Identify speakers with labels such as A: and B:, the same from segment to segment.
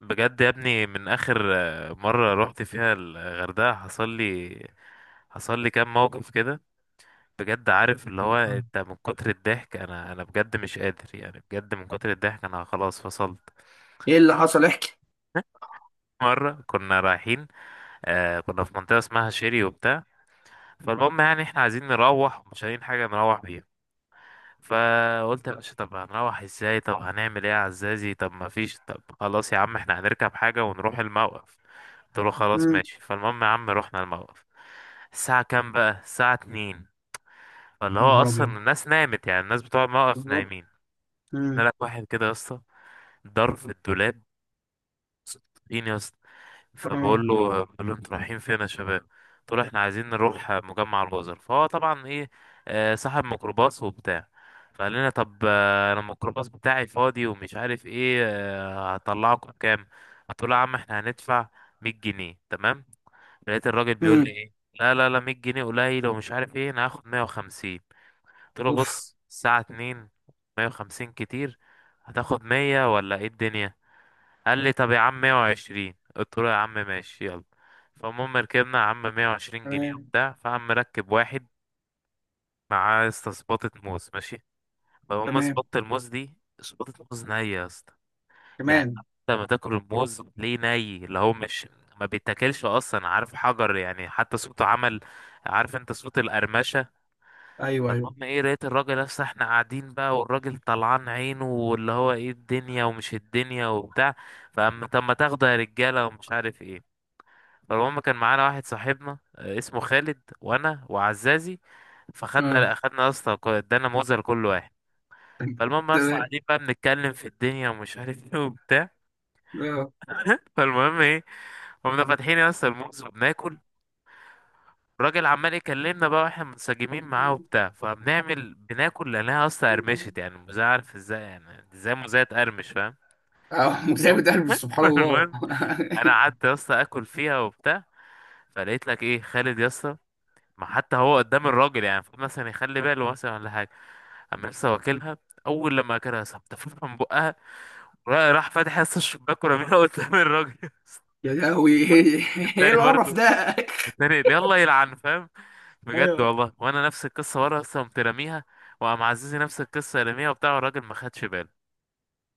A: بجد يا ابني من اخر مرة رحت فيها الغردقة. حصل لي كام موقف كده. بجد عارف اللي هو
B: آه.
A: انت من كتر الضحك انا بجد مش قادر، يعني بجد من كتر الضحك انا خلاص فصلت.
B: ايه اللي حصل؟ احكي.
A: مرة كنا رايحين، كنا في منطقة اسمها شيري وبتاع. فالمهم يعني احنا عايزين نروح ومش لاقيين حاجة نروح بيها. فقلت يا باشا طب هنروح ازاي؟ طب هنعمل ايه يا عزازي؟ طب ما فيش؟ طب خلاص يا عم احنا هنركب حاجة ونروح الموقف. قلت له خلاص
B: مم.
A: ماشي. فالمهم يا عم رحنا الموقف. الساعة كام بقى؟ الساعة اتنين. فاللي
B: يا
A: هو
B: نهار ابيض.
A: اصلا الناس نامت، يعني الناس بتوع الموقف
B: بالظبط.
A: نايمين. انا
B: مم.
A: لك واحد كده يا اسطى ضرب في الدولاب: فين يا اسطى؟
B: اه.
A: فبقول له انتوا رايحين فين يا شباب؟ قلت له احنا عايزين نروح مجمع الجزر، فهو طبعا ايه، صاحب ميكروباص وبتاع. فقال لنا طب انا الميكروباص بتاعي فاضي ومش عارف ايه، هطلعكم كام؟ قلت له يا عم احنا هندفع 100 جنيه تمام. لقيت الراجل بيقول لي
B: مم.
A: ايه: لا لا لا 100 جنيه قليل ومش عارف ايه، انا هاخد 150. قلت له
B: اوف.
A: بص الساعة 2، 150 كتير. هتاخد 100 ولا ايه الدنيا؟ قال لي طب يا عم 120. قلت له يا عم ماشي يلا. فالمهم ركبنا يا عم 120 جنيه
B: تمام.
A: وبتاع. فقام مركب واحد معاه يا اسطى سباطة موز، ماشي. فهم
B: تمام.
A: سباطة الموز دي سباطة موز نية يا اسطى. يعني
B: كمان.
A: انت لما تاكل الموز ليه ني اللي هو مش ما بيتاكلش اصلا، عارف؟ حجر يعني، حتى صوته عمل، عارف انت، صوت القرمشة.
B: ايوه، ايوه.
A: فالمهم ايه، لقيت الراجل اصلا احنا قاعدين بقى والراجل طلعان عينه واللي هو ايه الدنيا ومش الدنيا وبتاع. فاما طب ما تاخده يا رجاله ومش عارف ايه. فالمهم كان معانا واحد صاحبنا اسمه خالد، وانا وعزازي.
B: اه.
A: فخدنا يا اسطى ادانا موزه لكل واحد. فالمهم يا اسطى
B: تمام.
A: قاعدين بقى بنتكلم في الدنيا ومش عارف ايه وبتاع.
B: اه.
A: فالمهم ايه، قمنا فاتحين يا اسطى الموز وبناكل. الراجل عمال يكلمنا بقى واحنا منسجمين معاه وبتاع، فبنعمل بناكل لانها يا اسطى قرمشت، يعني الموزه عارف ازاي، يعني ازاي موزه تقرمش؟ فاهم.
B: اه، متعبة قلبي، سبحان الله.
A: المهم انا قعدت يا اسطى اكل فيها وبتاع. فلقيت لك ايه خالد يا اسطى، ما حتى هو قدام الراجل يعني المفروض مثلا يخلي باله مثلا ولا حاجه. اما لسه واكلها، اول لما اكلها صبت من بقها، راح فاتح لسه الشباك ورميها قدام الراجل.
B: يا لهوي، ايه؟ إيه
A: التاني برضو.
B: القرف ده؟
A: التاني اللي يلا يلعن فاهم. بجد
B: ايوه.
A: والله وانا نفس القصه ورا اصلا قمت راميها. وقام عزيزي نفس القصه راميها وبتاع، والراجل ما خدش باله.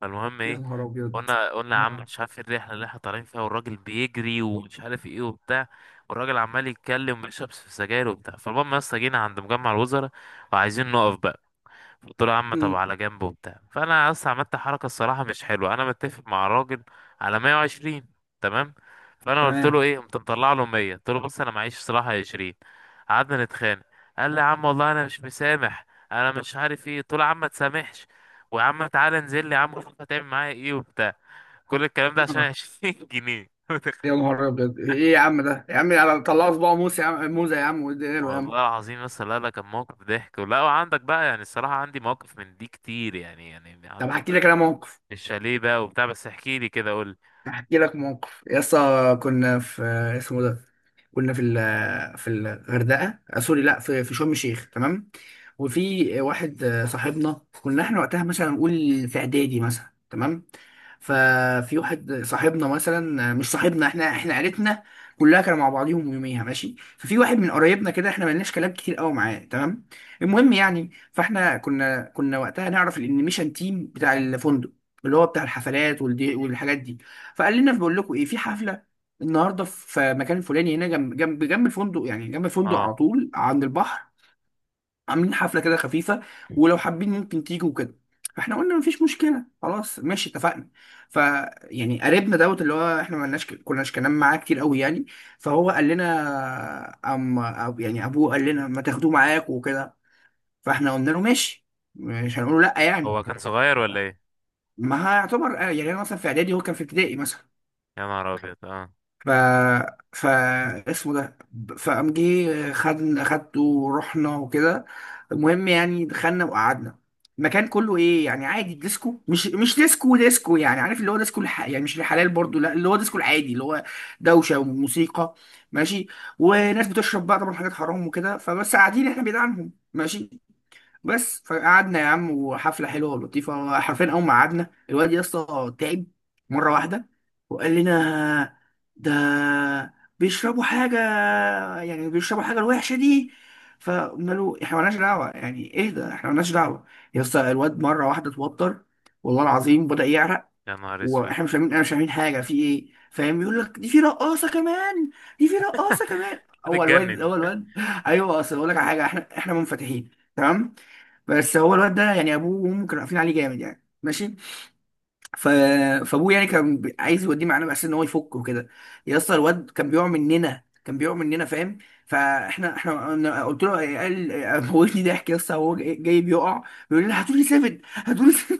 A: فالمهم
B: يا
A: ايه،
B: نهار ابيض.
A: قلنا يا عم
B: آه.
A: مش عارف إيه الرحله اللي احنا طالعين فيها، والراجل بيجري ومش عارف ايه وبتاع. والراجل عمال يتكلم ويشرب في سجاير وبتاع. فالمهم يا اسطى جينا عند مجمع الوزراء وعايزين نقف بقى. قلت له يا عم طب
B: امم
A: على جنب وبتاع. فانا اصلا عملت حركه الصراحه مش حلوه، انا متفق مع الراجل على 120، تمام. فانا قلت له
B: تمام.
A: ايه، قمت مطلع له 100. قلت له بص انا معيش صراحه 20. قعدنا نتخانق. قال لي يا عم والله انا مش مسامح، انا مش عارف ايه. قلت له يا عم ما تسامحش، ويا عم تعالى انزل لي يا عم شوف هتعمل معايا ايه وبتاع. كل الكلام ده عشان
B: آه.
A: 20 جنيه، متخيل؟
B: يا نهار ابيض، ايه يا عم ده يا عم طلع صباع موسى يا عم، موزه يا عم واديها له يا عم.
A: والله العظيم. بس لا لا كان موقف ضحك، ولا وعندك بقى؟ يعني الصراحة عندي مواقف من دي كتير، يعني
B: طب
A: عندك
B: هحكي لك انا موقف.
A: الشاليه بقى وبتاع. بس احكي لي كده، قول.
B: احكي لك موقف يا اسطى. كنا في، اسمه ده كنا في في الغردقه، سوري، لا، في، في شرم الشيخ، تمام. وفي واحد، صاحبنا، كنا احنا وقتها مثلا نقول في اعدادي مثلا، تمام. ففي واحد صاحبنا مثلا، مش صاحبنا، احنا عيلتنا كلها كانوا مع بعضيهم يوميها، ماشي. ففي واحد من قرايبنا كده، احنا ملناش كلام كتير قوي معاه، تمام. المهم يعني فاحنا كنا وقتها نعرف الانيميشن تيم بتاع الفندق، اللي هو بتاع الحفلات والدي والحاجات دي. فقال لنا بقول لكم ايه، في حفله النهارده في مكان الفلاني هنا جنب الفندق، يعني جنب الفندق
A: اه،
B: على طول عند البحر، عاملين حفله كده خفيفه ولو حابين ممكن تيجوا كده. فاحنا قلنا مفيش مشكله، خلاص ماشي، اتفقنا. ف يعني قريبنا دوت، اللي هو احنا ما لناش كناش كلام معاه كتير قوي يعني. فهو قال لنا، أب يعني ابوه قال لنا ما تاخدوه معاكم وكده. فاحنا قلنا له ماشي، مش هنقول له لا يعني،
A: هو كان صغير ولا ايه؟
B: ما هيعتبر، يعني انا مثلا في اعدادي هو كان في ابتدائي مثلا.
A: يا نهار ابيض اه.
B: ف ف اسمه ده فقام جه خدته ورحنا وكده. المهم يعني دخلنا وقعدنا. المكان كله ايه يعني عادي، ديسكو، مش ديسكو ديسكو، يعني عارف اللي هو ديسكو يعني مش الحلال برضو، لا، اللي هو ديسكو العادي، اللي هو دوشه وموسيقى، ماشي، وناس بتشرب بقى طبعا حاجات حرام وكده، فبس قاعدين احنا بعيد عنهم، ماشي. بس فقعدنا يا عم وحفله حلوه ولطيفه. حرفيا اول ما قعدنا الواد يا اسطى تعب مره واحده، وقال لنا ده بيشربوا حاجه، يعني بيشربوا حاجه الوحشه دي. فقلنا له احنا مالناش دعوه، يعني اهدى احنا مالناش دعوه. يا اسطى الواد مره واحده اتوتر، والله العظيم بدأ يعرق.
A: يا نهار اسود
B: واحنا مش فاهمين، حاجه في ايه، فاهم؟ يقول لك دي في رقاصه كمان، دي في رقاصه كمان. اول واد،
A: بتتجنن.
B: اول واد ايوه اصل اقول لك على حاجه، احنا منفتحين تمام، بس هو الواد ده يعني ابوه وامه كانوا قافلين عليه جامد، يعني ماشي. ف... فابوه يعني كان عايز يوديه معانا بس ان هو يفك وكده. يا اسطى الواد كان بيقع مننا، كان بيقع مننا، فاهم؟ فاحنا، أنا قلت له، قال موتني ضحك يا اسطى، هو جاي جاي بيقع، بيقول لي هاتوا لي سفن، هاتوا لي سفن.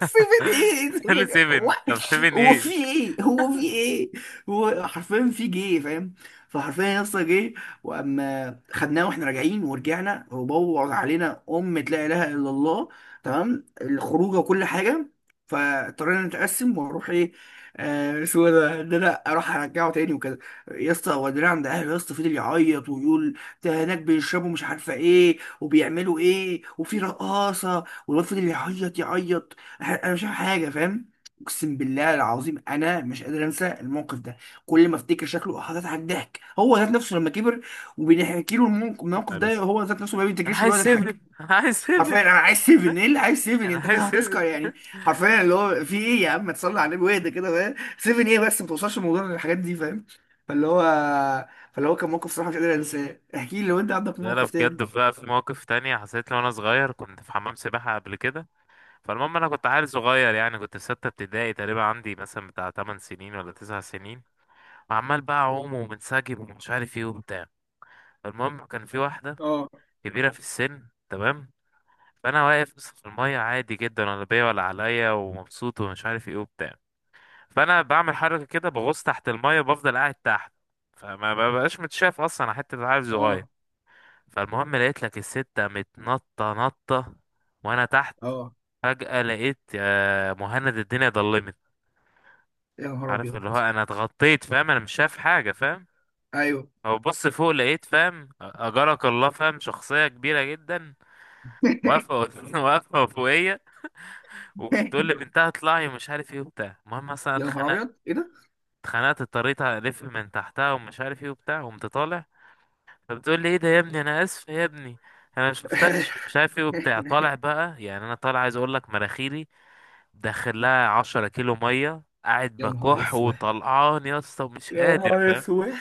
B: سيفن ايه، سيفن
A: قال
B: ايه؟ هو،
A: 7. طب 7
B: هو في
A: ايه؟
B: ايه، هو في ايه؟ هو حرفيا في جه، فاهم؟ فحرفيا يا اسطى جه. واما خدناه واحنا راجعين ورجعنا وبوظ علينا امة لا اله الا الله، تمام، الخروجه وكل حاجه. فاضطرينا نتقسم واروح ايه، آه اسمه إيه ده انا اروح ارجعه تاني وكده. يا اسطى ودينا عند اهله، يا اسطى فضل يعيط ويقول ده هناك بيشربوا مش عارفه ايه وبيعملوا ايه وفي رقاصه، والواد فضل يعيط يعيط. انا مش فاهم حاجه، فاهم؟ اقسم بالله العظيم انا مش قادر انسى الموقف ده. كل ما افتكر شكله هتضحك ضحك، هو ذات نفسه لما كبر وبنحكي له
A: يا
B: الموقف
A: نهار
B: ده
A: اسود
B: هو ذات نفسه ما
A: انا
B: بيفتكرش
A: عايز
B: وبيقعد
A: 7.
B: يضحك.
A: انا عايز 7.
B: حرفيا انا عايز سيفن، ايه اللي عايز سيفن؟
A: انا
B: انت كده
A: عايز 7.
B: هتسكر يعني. حرفيا اللي هو في ايه يا عم، ما تصلي على النبي واهدى كده، فاهم؟ سيفن ايه بس، ما توصلش الموضوع للحاجات دي، فاهم؟ فاللي هو فاللي هو كان موقف صراحه مش قادر انساه. احكي لي لو انت عندك
A: لا لا
B: موقف
A: بجد
B: تاني.
A: بقى، في مواقف تانية حصلت لي وانا صغير. كنت في حمام سباحة قبل كده. فالمهم انا كنت عيل صغير، يعني كنت في ستة ابتدائي تقريبا، عندي مثلا بتاع 8 سنين ولا 9 سنين. وعمال بقى اعوم ومنسجم ومش عارف ايه وبتاع. المهم كان في واحدة
B: اه،
A: كبيرة في السن، تمام. فانا واقف بس في الميه عادي جدا ولا بيا ولا عليا ومبسوط ومش عارف ايه وبتاع. فانا بعمل حركه كده بغوص تحت الميه وبفضل قاعد تحت. فما ببقاش متشاف اصلا، حتى عارف صغير.
B: اه،
A: فالمهم لقيت لك الستة متنطة نطة وانا تحت.
B: اه.
A: فجأة لقيت يا مهند الدنيا ضلمت.
B: يا نهار
A: عارف
B: ابيض.
A: اللي هو انا اتغطيت فاهم، انا مش شايف حاجة فاهم.
B: ايوه.
A: او بص فوق لقيت فاهم اجرك الله فاهم، شخصية كبيرة جدا واقفة واقفة فوقيا. وتقول لي بنتها اطلعي ومش عارف ايه وبتاع. المهم اصلا
B: يا نهار
A: اتخنقت.
B: ابيض، ايه ده؟
A: اتخنقت، اضطريت الف من تحتها ومش عارف ايه وبتاع، قمت طالع. فبتقول لي ايه ده يا ابني، انا اسف يا ابني، انا ما شفتكش مش عارف ايه وبتاع. طالع بقى، يعني انا طالع عايز اقول لك مراخيري، داخل لها 10 كيلو ميه، قاعد
B: يا نهار
A: بكح
B: اسود.
A: وطلعان يا اسطى ومش
B: يا
A: قادر
B: نهار
A: فاهم.
B: اسود.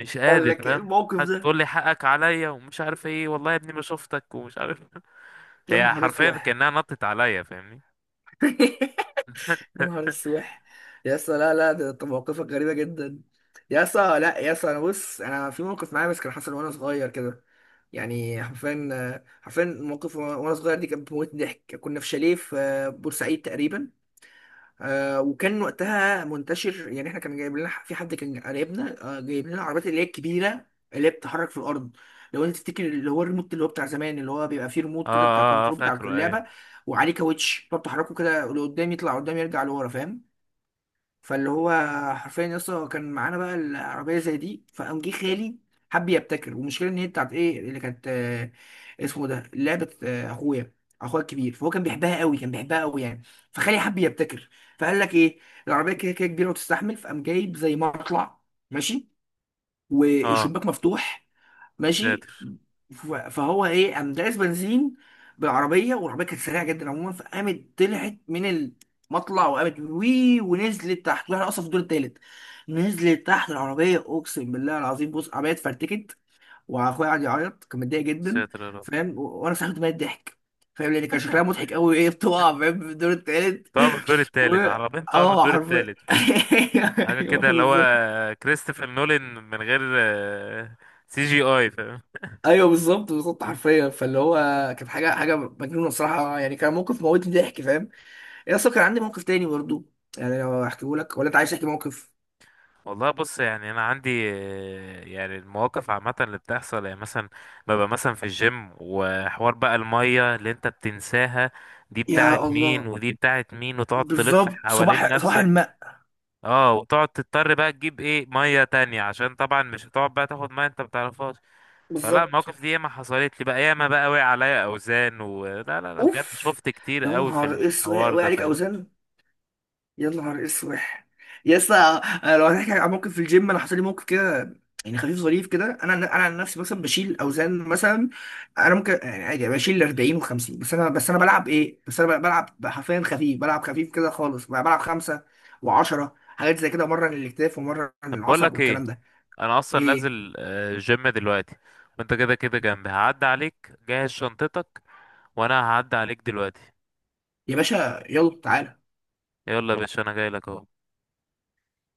A: مش
B: قال
A: قادر
B: لك إيه
A: فاهم.
B: الموقف ده.
A: تقول لي حقك عليا ومش عارف ايه، والله يا ابني ما شفتك ومش عارف.
B: يا
A: هي
B: نهار
A: حرفيا
B: اسود.
A: كانها نطت عليا فاهمني.
B: يا نهار اسود. يا اسطى، لا، لا، ده أنت مواقفك غريبه جدا. يا اسطى، لا يا اسطى، انا بص، في موقف معايا بس كان حصل وانا صغير كده. يعني حرفيا، الموقف وانا، صغير دي كانت بتموت ضحك. كنا في شاليه في بورسعيد تقريبا، وكان وقتها منتشر يعني. احنا كان جايب لنا في حد كان قريبنا، جايب لنا العربيات اللي هي الكبيره اللي هي بتتحرك في الارض. لو انت تفتكر اللي هو الريموت، اللي هو بتاع زمان، اللي هو بيبقى فيه ريموت
A: اه
B: كده بتاع
A: اه اه
B: كنترول بتاع
A: فاكره ايوه.
B: اللعبه، وعليه كاوتش فبتحركه كده لقدام، يطلع قدام يرجع لورا، فاهم؟ فاللي هو حرفيا يا اسطى كان معانا بقى العربيه زي دي. فقام جه خالي حب يبتكر، والمشكله ان هي بتاعت ايه اللي كانت، آه، اسمه ده لعبه، اخويا، اخويا الكبير فهو كان بيحبها قوي، كان بيحبها قوي يعني. فخالي حب يبتكر، فقال لك ايه، العربيه كده كده كبيره وتستحمل، فقام جايب زي مطلع، ماشي،
A: اه
B: والشباك مفتوح،
A: يا
B: ماشي.
A: ساتر.
B: فهو ايه قام داس بنزين بالعربيه، والعربيه كانت سريعه جدا عموما، فقامت طلعت من المطلع وقامت وي ونزلت تحت، واحنا اصلا في الدور التالت. نزلت تحت العربيه، اقسم بالله العظيم، بص العربيه اتفرتكت، واخويا قعد يعيط كان متضايق جدا،
A: ساتر يا رب.
B: فاهم؟ وانا سحبت ميه ضحك، فاهم؟ لان كان شكلها مضحك قوي، ايه بتقع فاهم في الدور التالت؟
A: طبعا من الدور
B: و
A: التالت عربين. طبعا من
B: اه
A: الدور
B: حرفيا
A: التالت فاهم. حاجة
B: ايوه
A: كده اللي
B: بالظبط.
A: هو كريستوفر نولان من غير سي جي اي فاهم.
B: ايوه بالظبط، بالظبط، حرفيا. فاللي هو كانت حاجه، حاجه مجنونه الصراحه، يعني كان موقف موتني ضحك، فاهم؟ يا اصلا كان عندي موقف تاني برضو، يعني لو احكيه لك، ولا انت عايز تحكي موقف؟
A: والله بص يعني انا عندي يعني المواقف عامه اللي بتحصل، يعني مثلا ببقى مثلا في الجيم، وحوار بقى الميه اللي انت بتنساها دي بتاعت
B: يا
A: مين
B: الله.
A: ودي بتاعت مين، وتقعد تلف
B: بالظبط،
A: حوالين
B: صباح صباح
A: نفسك.
B: الماء.
A: اه، وتقعد تضطر بقى تجيب ايه ميه تانية، عشان طبعا مش هتقعد بقى تاخد ميه انت بتعرفهاش. فلا
B: بالظبط.
A: المواقف دي ياما حصلت لي بقى، ياما بقى وقع عليا اوزان، و لا لا لا بجد،
B: اوف.
A: شفت كتير
B: يا
A: قوي في
B: نهار اسود،
A: الحوار
B: وقع
A: ده
B: عليك
A: فاهم.
B: اوزان؟ يا نهار اسوح. يا اسطى، أنا لو هنحكي عن موقف في الجيم، انا حصل لي موقف كده يعني خفيف ظريف كده. انا عن نفسي مثلا بشيل اوزان مثلا، انا ممكن يعني عادي يعني بشيل 40 و50، بس انا، بلعب ايه، بس انا بلعب حرفيا خفيف، بلعب خفيف كده خالص، بلعب 5 و10، حاجات زي كده، مره للاكتاف ومره
A: طب بقول
B: للعصب
A: لك
B: والكلام
A: ايه،
B: ده.
A: انا اصلا
B: ايه
A: نازل جيم دلوقتي، وانت كده كده جنبي، هعدي عليك جهز شنطتك وانا هعدي عليك دلوقتي.
B: يا باشا، يلا تعالى.
A: يلا يا باشا، انا جاي لك اهو.